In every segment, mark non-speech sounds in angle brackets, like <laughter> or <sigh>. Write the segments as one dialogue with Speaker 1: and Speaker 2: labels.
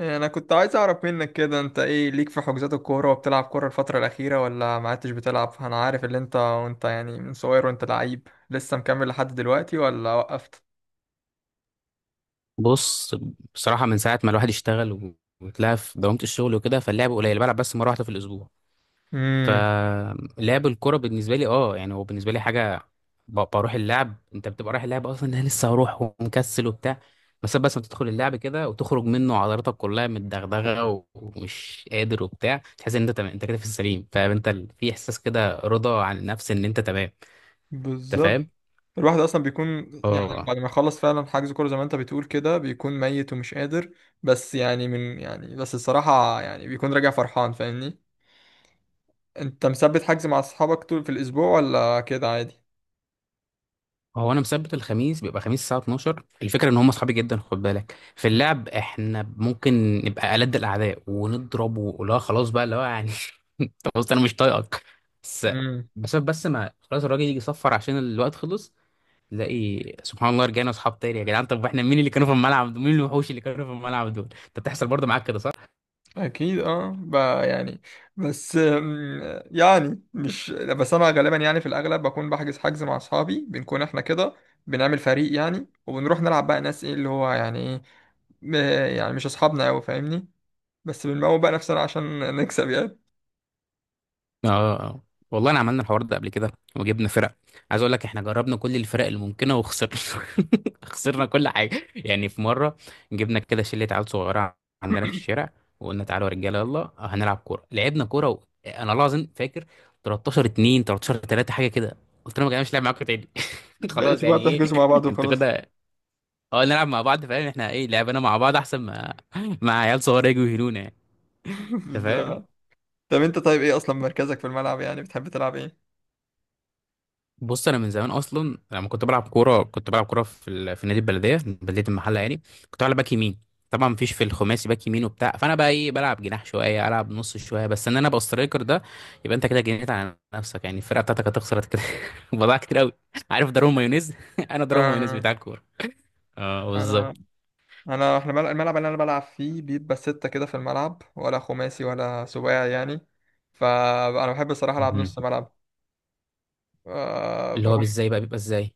Speaker 1: انا كنت عايز اعرف منك كده، انت ايه ليك في حجوزات الكوره؟ وبتلعب كوره الفتره الاخيره ولا ما عدتش بتلعب؟ انا عارف ان انت وانت يعني من صغير وانت لعيب، لسه مكمل لحد دلوقتي ولا وقفت؟
Speaker 2: بص، بصراحة من ساعة ما الواحد اشتغل وتلاقى في دوامة الشغل وكده، فاللعب قليل، بلعب بس مرة واحدة في الأسبوع.
Speaker 1: امم
Speaker 2: فلعب الكرة بالنسبة لي يعني هو بالنسبة لي حاجة، بروح اللعب. انت بتبقى رايح اللعب اصلا، انا لسه هروح ومكسل وبتاع، بس ما تدخل اللعب كده وتخرج منه عضلاتك كلها متدغدغة ومش قادر وبتاع، تحس ان انت تمام، انت كده في السليم، فانت في احساس كده رضا عن النفس ان انت تمام، انت
Speaker 1: بالظبط.
Speaker 2: فاهم؟
Speaker 1: الواحد اصلا بيكون يعني
Speaker 2: اه
Speaker 1: بعد ما يخلص فعلا حجز كوره زي ما انت بتقول كده بيكون ميت ومش قادر، بس يعني من يعني بس الصراحه يعني بيكون راجع فرحان، فاهمني؟ انت مثبت حجز مع اصحابك طول في الاسبوع ولا كده؟
Speaker 2: هو انا مثبت الخميس، بيبقى خميس الساعه 12. الفكره ان هم اصحابي جدا، خد بالك، في
Speaker 1: عادي.
Speaker 2: اللعب احنا ممكن نبقى ألد الاعداء ونضرب، ولا خلاص بقى اللي هو يعني. <laughs> خلاص انا مش طايقك. بس بس ما خلاص الراجل يجي يصفر عشان الوقت خلص، تلاقي سبحان الله رجعنا اصحاب تاني. يا جدعان، طب احنا مين اللي كانوا في الملعب دول؟ مين الوحوش اللي كانوا في الملعب دول؟ انت بتحصل برضه معاك كده صح؟
Speaker 1: اكيد اه بقى يعني. بس يعني مش بس انا، غالبا يعني في الاغلب بكون بحجز مع اصحابي، بنكون احنا كده بنعمل فريق يعني، وبنروح نلعب بقى ناس ايه اللي هو يعني ايه، م- يعني مش اصحابنا قوي، فاهمني؟ بس بنموت بقى نفسنا عشان <laughs> نكسب يعني.
Speaker 2: اه اه آه. والله انا عملنا الحوار ده قبل كده، وجبنا فرق. عايز اقول لك، احنا جربنا كل الفرق الممكنه وخسرنا. <laughs> خسرنا كل حاجه. يعني في مره جبنا كده شله عيال صغيره عندنا في الشارع، وقلنا تعالوا يا رجاله يلا هنلعب كوره، لعبنا كوره و انا والله العظيم فاكر 13 2 13 3 حاجه كده. قلت لهم يا جماعه مش لاعب معاكم تاني. <laughs> خلاص،
Speaker 1: بقيتوا بقى
Speaker 2: يعني ايه؟
Speaker 1: بتحجزوا مع بعض
Speaker 2: انتوا
Speaker 1: وخلاص.
Speaker 2: كده، اه نلعب مع بعض. فاهم احنا ايه؟ لعبنا مع بعض احسن ما مع عيال صغيره يجوا يهنونا يعني، انت
Speaker 1: <laughs>
Speaker 2: فاهم؟
Speaker 1: ده طب انت طيب ايه اصلا مركزك في الملعب يعني؟ بتحب تلعب ايه؟
Speaker 2: بص انا من زمان اصلا لما كنت بلعب كوره، كنت بلعب كوره في نادي البلديه، بلديه المحله يعني. كنت بلعب باك يمين، طبعا مفيش في الخماسي باك يمين وبتاع، فانا بقى ايه، بلعب جناح شويه، العب نص شويه، بس ان انا ابقى سترايكر ده، يبقى انت كده جنيت على نفسك يعني، الفرقه بتاعتك هتخسر كده. <laughs> بضاعة كتير قوي، عارف؟ ضرب مايونيز. <laughs> انا ضرب مايونيز
Speaker 1: آه،
Speaker 2: بتاع الكوره. اه
Speaker 1: انا
Speaker 2: بالظبط.
Speaker 1: انا احنا الملعب اللي انا بلعب فيه بيبقى ستة كده في الملعب، ولا خماسي ولا سباعي يعني. فانا بحب الصراحة العب
Speaker 2: مهم.
Speaker 1: نص ملعب. أه
Speaker 2: اللي هو
Speaker 1: بكون
Speaker 2: بالزاي بقى بيبقى ازاي؟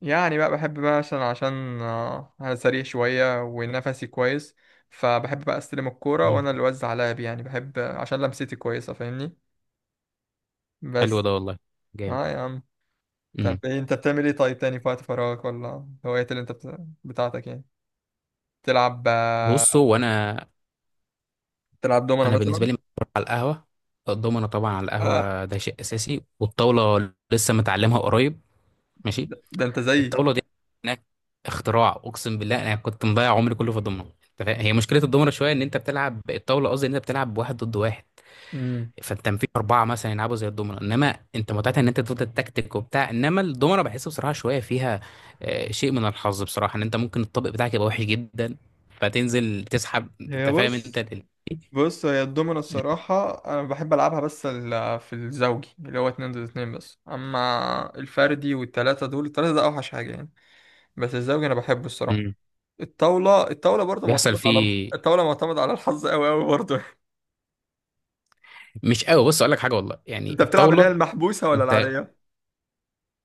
Speaker 1: يعني بقى بحب بقى عشان انا سريع شوية ونفسي كويس، فبحب بقى استلم الكورة
Speaker 2: مم.
Speaker 1: وانا اللي اوزع لعب يعني، بحب عشان لمستي كويسة، فاهمني؟
Speaker 2: حلو
Speaker 1: بس
Speaker 2: ده والله، جامد.
Speaker 1: اه يا عم. طب
Speaker 2: مم.
Speaker 1: إيه انت بتعمل ايه طيب تاني في وقت فراغك ولا هوايات اللي انت بتاعتك يعني؟ تلعب
Speaker 2: بصوا، وانا
Speaker 1: تلعب دومنا
Speaker 2: انا بالنسبه
Speaker 1: مثلا؟
Speaker 2: لي مشروب على القهوه، الضمنه طبعا على
Speaker 1: آه،
Speaker 2: القهوه ده شيء اساسي، والطاوله لسه متعلمها قريب، ماشي.
Speaker 1: ده انت زيي.
Speaker 2: الطاوله دي هناك اختراع، اقسم بالله انا كنت مضيع عمري كله في الضمنه. أنت فاهم؟ هي مشكله الضمنه شويه ان انت بتلعب الطاوله، قصدي ان انت بتلعب واحد ضد واحد، فانت في اربعه مثلا يلعبوا زي الضمنه، انما انت متعتها ان انت تفضل تكتيك وبتاع، انما الضمنه بحس بصراحه شويه فيها شيء من الحظ بصراحه، ان انت ممكن الطابق بتاعك يبقى وحش جدا فتنزل تسحب، انت
Speaker 1: هي
Speaker 2: فاهم انت
Speaker 1: بص بص، هي الدومينو الصراحة أنا بحب ألعبها، بس في الزوجي اللي هو اتنين ضد اتنين، بس أما الفردي والتلاتة دول، التلاتة ده أوحش حاجة يعني. بس الزوجي أنا بحبه الصراحة.
Speaker 2: مم.
Speaker 1: الطاولة برضه
Speaker 2: بيحصل
Speaker 1: معتمد على
Speaker 2: فيه،
Speaker 1: الطاولة معتمد على الحظ أوي أوي برضه.
Speaker 2: مش قوي. بص اقول لك حاجه والله،
Speaker 1: <laughs>
Speaker 2: يعني
Speaker 1: أنت بتلعب اللي هي
Speaker 2: الطاوله
Speaker 1: المحبوسة ولا
Speaker 2: انت،
Speaker 1: العادية؟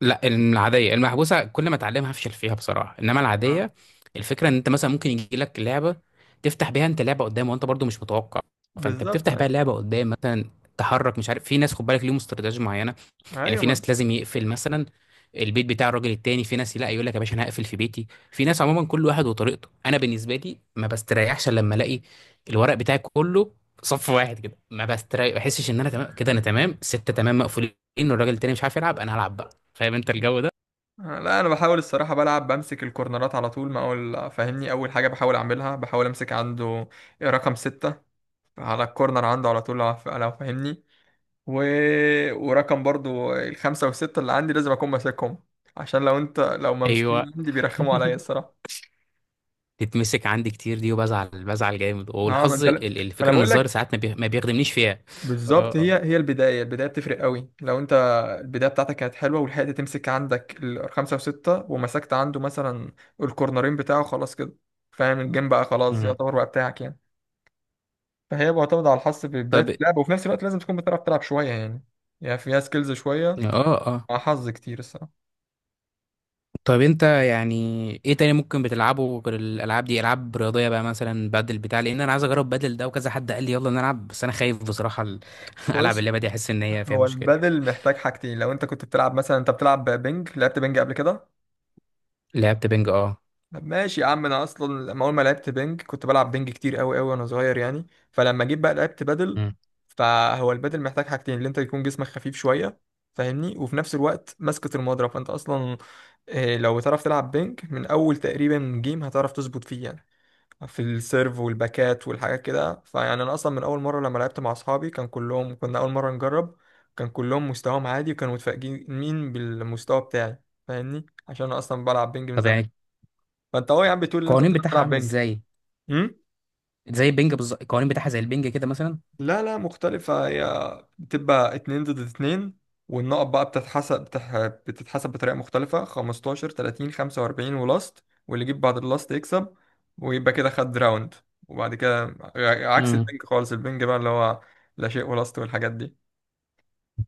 Speaker 2: لا العاديه. المحبوسه كل ما اتعلمها هفشل فيها بصراحه، انما
Speaker 1: آه.
Speaker 2: العاديه، الفكره ان انت مثلا ممكن يجي لك لعبه تفتح بيها انت لعبه قدام وانت برضو مش متوقع، فانت
Speaker 1: بالظبط
Speaker 2: بتفتح بيها
Speaker 1: أيوة.
Speaker 2: اللعبه قدام مثلا. تحرك، مش عارف، في ناس خد بالك ليهم استراتيجيه معينه، يعني
Speaker 1: أيوة
Speaker 2: في
Speaker 1: من.
Speaker 2: ناس لازم يقفل مثلا البيت بتاع الراجل التاني، في ناس لا، يقول لك يا باشا انا هقفل في بيتي، في ناس عموما كل واحد وطريقته. انا بالنسبه لي ما بستريحش إلا لما الاقي الورق بتاعي كله صف واحد كده، ما بستريح، ما بحسش ان انا تمام كده، انا تمام سته تمام مقفولين والراجل التاني مش عارف يلعب، انا هلعب بقى، فاهم انت الجو ده؟
Speaker 1: لا، أنا بحاول الصراحة بلعب بمسك الكورنرات على طول، ما أقول فاهمني، أول حاجة بحاول أعملها بحاول أمسك عنده رقم ستة على الكورنر عنده على طول، لو فاهمني. و... ورقم برضو الخمسة والستة اللي عندي لازم أكون ماسكهم، عشان لو أنت لو ممسوكين
Speaker 2: ايوه.
Speaker 1: عندي بيرخموا عليا
Speaker 2: <laughs>
Speaker 1: الصراحة.
Speaker 2: تتمسك عندي كتير دي وبزعل، بزعل جامد.
Speaker 1: أه، ما
Speaker 2: والحظ
Speaker 1: أنت لا- ما أنا
Speaker 2: الفكره ان
Speaker 1: بقول
Speaker 2: الظاهر
Speaker 1: لك
Speaker 2: ساعات ما بيخدمنيش فيها. اه
Speaker 1: بالظبط. هي
Speaker 2: اه.
Speaker 1: هي البداية، البداية بتفرق قوي. لو أنت البداية بتاعتك كانت حلوة ولحقت تمسك عندك الخمسة وستة ومسكت عنده مثلا الكورنرين بتاعه خلاص كده، فاهم؟ الجيم بقى خلاص
Speaker 2: مم.
Speaker 1: يعتبر بقى بتاعك يعني. فهي معتمدة على الحظ في بداية
Speaker 2: طب
Speaker 1: اللعبة وفي نفس الوقت لازم تكون بتعرف تلعب شوية يعني، يعني فيها سكيلز شوية
Speaker 2: اه اه.
Speaker 1: مع حظ كتير الصراحة.
Speaker 2: طب انت يعني ايه تاني ممكن بتلعبه غير الالعاب دي؟ العاب رياضيه بقى، مثلا بدل بتاع لان انا عايز اجرب بدل ده، وكذا حد قال لي يلا نلعب، بس انا خايف بصراحه <laughs> العب
Speaker 1: بس
Speaker 2: اللعبه دي، احس ان هي فيها
Speaker 1: هو
Speaker 2: مشكله.
Speaker 1: البادل محتاج حاجتين. لو انت كنت بتلعب مثلا، انت بتلعب بينج؟ لعبت بينج قبل كده؟
Speaker 2: لعبت بينج، اه.
Speaker 1: طب ماشي يا عم، انا اصلا لما اول ما لعبت بينج كنت بلعب بينج كتير قوي قوي وانا صغير يعني، فلما جيت بقى لعبت بادل.
Speaker 2: مم.
Speaker 1: فهو البادل محتاج حاجتين، اللي انت يكون جسمك خفيف شويه فاهمني، وفي نفس الوقت مسكة المضرب. فانت اصلا اه، لو بتعرف تلعب بينج من اول تقريبا جيم هتعرف تظبط فيه يعني، في السيرف والباكات والحاجات كده. فيعني انا اصلا من اول مره لما لعبت مع اصحابي كان كلهم كنا اول مره نجرب، كان كلهم مستواهم عادي وكانوا متفاجئين مين بالمستوى بتاعي، فاهمني؟ عشان انا اصلا بلعب بينج من
Speaker 2: طب
Speaker 1: زمان.
Speaker 2: يعني
Speaker 1: فانت اهو يا عم بتقول ان انت
Speaker 2: القوانين بتاعها
Speaker 1: بتلعب
Speaker 2: عامله
Speaker 1: بينج.
Speaker 2: ازاي؟
Speaker 1: إمم؟
Speaker 2: زي البينج بالظبط، القوانين بتاعها زي البينج كده مثلا؟
Speaker 1: لا لا، مختلفة هي، بتبقى اتنين ضد اتنين، والنقط بقى بتتحسب بتح... بتتحسب بطريقة مختلفة، 15 30 45 ولاست، واللي يجيب بعد اللاست يكسب ويبقى كده خد راوند. وبعد كده عكس
Speaker 2: امم
Speaker 1: البنج خالص. البنج بقى اللي هو لا شيء ولاست والحاجات دي.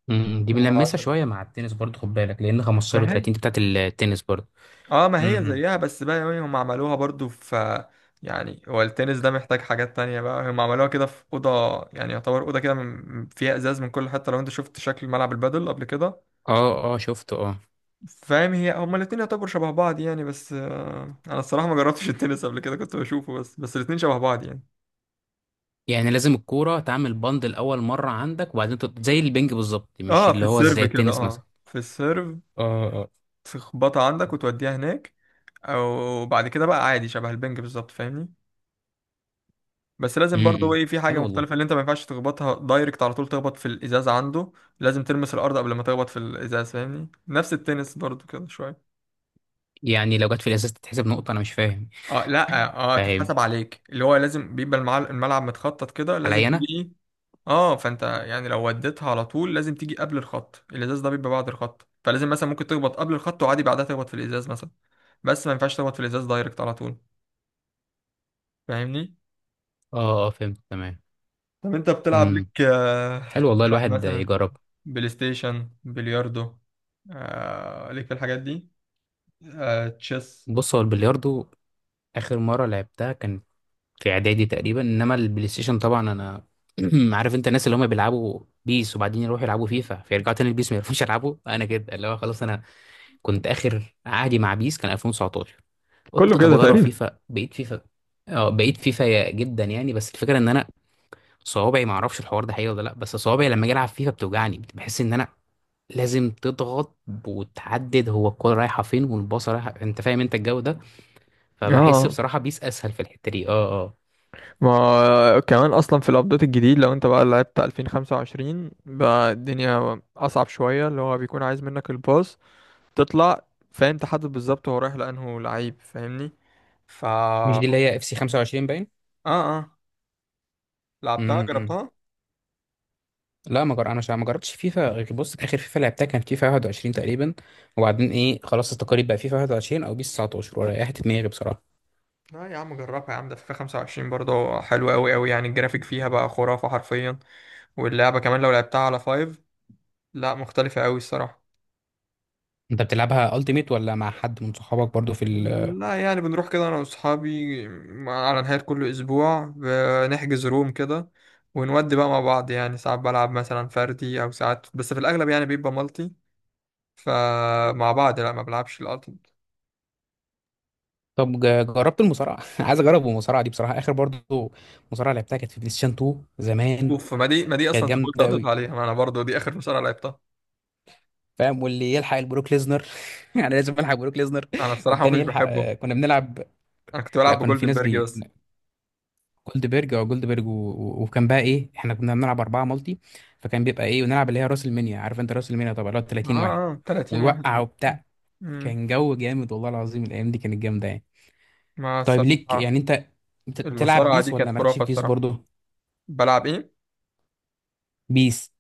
Speaker 2: دي بنلمسها
Speaker 1: وعشان
Speaker 2: شويه مع التنس برضه، خد بالك، لان 15
Speaker 1: ما
Speaker 2: و30
Speaker 1: هي،
Speaker 2: دي بتاعت التنس برضه.
Speaker 1: اه ما هي
Speaker 2: امم
Speaker 1: زيها بس بقى يعني، هم عملوها برضو في، يعني هو التنس ده محتاج حاجات تانية بقى، هم عملوها كده في أوضة يعني، يعتبر أوضة كده فيها إزاز من كل حتة. لو أنت شفت شكل ملعب البادل قبل كده
Speaker 2: اه اه شفته اه.
Speaker 1: فاهم، هي هما الاتنين يعتبروا شبه بعض يعني. بس آه، انا الصراحه ما جربتش التنس قبل كده، كنت بشوفه بس، بس الاتنين شبه بعض يعني.
Speaker 2: يعني لازم الكوره تعمل بند الاول مره عندك وبعدين زي البينج بالظبط، مش
Speaker 1: اه في
Speaker 2: اللي هو
Speaker 1: السيرف
Speaker 2: زي
Speaker 1: كده،
Speaker 2: التنس مثلا.
Speaker 1: اه في السيرف
Speaker 2: اه اه.
Speaker 1: تخبطها عندك وتوديها هناك. او بعد كده بقى عادي شبه البنج بالظبط فاهمني. بس لازم برضه
Speaker 2: امم
Speaker 1: ايه في حاجه
Speaker 2: حلو والله.
Speaker 1: مختلفه، اللي انت ما ينفعش تخبطها دايركت على طول تخبط في الازاز عنده، لازم تلمس الارض قبل ما تخبط في الازاز، فاهمني؟ نفس التنس برضه كده شويه.
Speaker 2: يعني لو جت في الازاز تتحسب نقطة؟ انا مش فاهم.
Speaker 1: اه
Speaker 2: <laughs>
Speaker 1: لا، اه
Speaker 2: فاهم،
Speaker 1: تتحسب عليك. اللي هو لازم بيبقى الملعب متخطط كده، لازم
Speaker 2: عليا
Speaker 1: تيجي
Speaker 2: انا.
Speaker 1: اه. فانت يعني لو وديتها على طول لازم تيجي قبل الخط، الازاز ده بيبقى بعد الخط، فلازم مثلا ممكن تخبط قبل الخط وعادي بعدها تخبط في الازاز مثلا، بس ما ينفعش تخبط في الازاز دايركت على طول، فاهمني؟
Speaker 2: اه اه فهمت تمام.
Speaker 1: طب انت بتلعب
Speaker 2: امم
Speaker 1: ليك
Speaker 2: حلو والله،
Speaker 1: بتلعب
Speaker 2: الواحد
Speaker 1: مثلا
Speaker 2: يجرب.
Speaker 1: بلاي ستيشن، بلياردو، آه ليك في الحاجات دي؟ آه تشيس؟
Speaker 2: بص هو البلياردو اخر مرة لعبتها كانت في اعدادي تقريبا، انما البلاي ستيشن طبعا انا <clears throat> عارف انت الناس اللي هم بيلعبوا بيس وبعدين يروحوا يلعبوا فيفا فيرجعوا تاني البيس ما يعرفوش يلعبوا، انا كده اللي هو خلاص، انا كنت اخر عهدي مع بيس كان 2019.
Speaker 1: كله
Speaker 2: قلت طب
Speaker 1: كده
Speaker 2: اجرب
Speaker 1: تقريبا.
Speaker 2: فيفا، بقيت فيفا. اه بقيت فيفا جدا يعني، بس الفكره ان انا صوابعي، ما اعرفش الحوار ده حقيقي ولا لا، بس صوابعي لما اجي العب فيفا بتوجعني، بحس ان انا لازم تضغط وتحدد هو الكوره رايحه فين والباصه رايحه، انت فاهم انت الجو ده؟ فبحس
Speaker 1: اه
Speaker 2: بصراحه بيس اسهل في الحته دي. اه اه.
Speaker 1: ما كمان اصلا في الابديت الجديد لو انت بقى لعبت 2025 بقى الدنيا اصعب شويه، اللي هو بيكون عايز منك الباص تطلع فانت حدد بالظبط هو رايح لانه لعيب فاهمني. فا
Speaker 2: مش
Speaker 1: اه.
Speaker 2: دي اللي هي اف سي 25 باين؟
Speaker 1: اه لعبتها
Speaker 2: امم.
Speaker 1: جربتها.
Speaker 2: لا ما جر... انا ما جربتش فيفا غير، بص اخر فيفا لعبتها كان فيفا 21 تقريبا، وبعدين ايه خلاص، التقارير بقى فيفا 21 او بيس 19، وريحت دماغي بصراحه.
Speaker 1: لا يا عم جربها يا عم، ده فيفا 25 برضه حلوة أوي أوي يعني، الجرافيك فيها بقى خرافة حرفيا، واللعبة كمان لو لعبتها على فايف لا مختلفة أوي الصراحة.
Speaker 2: انت بتلعبها التيميت ولا مع حد من صحابك برضو في؟
Speaker 1: لا، يعني بنروح كده أنا وأصحابي على نهاية كل أسبوع، بنحجز روم كده ونودي بقى مع بعض يعني، ساعات بلعب مثلا فردي أو ساعات، بس في الأغلب يعني بيبقى مالتي. فمع بعض لا، ما بلعبش.
Speaker 2: طب جربت المصارعه؟ <laughs> عايز اجرب المصارعه دي بصراحه، اخر برضو مصارعه لعبتها كانت في بلاي ستيشن 2 زمان،
Speaker 1: اوف، ما دي
Speaker 2: كانت
Speaker 1: اصلا طفولتي
Speaker 2: جامده
Speaker 1: قضيت
Speaker 2: قوي،
Speaker 1: عليها، ما انا برضو دي اخر مصارعه لعبتها.
Speaker 2: فاهم؟ واللي يلحق البروك ليزنر. <laughs> يعني لازم الحق بروك ليزنر،
Speaker 1: انا الصراحه ما
Speaker 2: والتاني
Speaker 1: كنتش
Speaker 2: يلحق
Speaker 1: بحبه،
Speaker 2: كنا بنلعب.
Speaker 1: انا كنت
Speaker 2: لا
Speaker 1: بلعب
Speaker 2: كان في ناس
Speaker 1: بجولدنبرج
Speaker 2: بي
Speaker 1: بس.
Speaker 2: جولدبرج او جولدبرج و... و- وكان بقى ايه، احنا كنا بنلعب اربعه مالتي، فكان بيبقى ايه، ونلعب اللي هي راس المنيا، عارف انت راس المنيا طبعا، اللي هو
Speaker 1: اه
Speaker 2: 30 واحد
Speaker 1: اه 30 واحد.
Speaker 2: ويوقع وبتاع.
Speaker 1: امم.
Speaker 2: كان جو جامد والله العظيم، الايام دي كانت جامده يعني.
Speaker 1: ما
Speaker 2: طيب ليك
Speaker 1: الصراحه
Speaker 2: يعني انت بتلعب
Speaker 1: المصارعه دي
Speaker 2: بيس،
Speaker 1: كانت
Speaker 2: ولا مالكش في
Speaker 1: خرافه
Speaker 2: بيس
Speaker 1: الصراحه.
Speaker 2: برضو؟
Speaker 1: بلعب ايه؟
Speaker 2: بيس،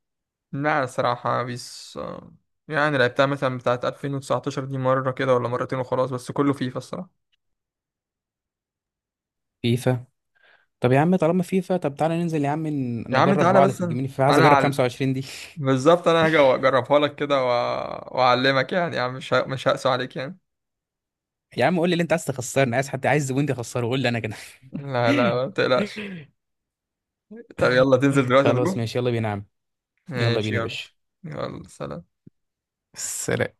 Speaker 1: لا الصراحه بيس يعني لعبتها مثلا بتاعه 2019 دي مره كده ولا مرتين وخلاص، بس كله فيفا الصراحه.
Speaker 2: فيفا. طب يا عم طالما فيفا، طب تعالى ننزل يا عم
Speaker 1: يا عم
Speaker 2: نجرب
Speaker 1: تعالى.
Speaker 2: بعض
Speaker 1: بس
Speaker 2: في
Speaker 1: انا
Speaker 2: الجيمين، فيفا عايز
Speaker 1: أنا
Speaker 2: اجرب
Speaker 1: على
Speaker 2: 25 دي. <laughs>
Speaker 1: بالظبط. انا هاجي اجربها لك كده واعلمك يعني يا عم، مش مش هقسو عليك يعني.
Speaker 2: يا عم قول لي اللي انت عايز، تخسرني؟ عايز حد، عايز زبون تخسره؟ قول لي انا كده. <laughs>
Speaker 1: لا لا ما تقلقش. طب يلا تنزل دلوقتي نروح.
Speaker 2: خلاص ماشي يلا بينا يا عم، يلا
Speaker 1: ماشي
Speaker 2: بينا يا
Speaker 1: يلا.
Speaker 2: باشا.
Speaker 1: يلا سلام.
Speaker 2: سلام.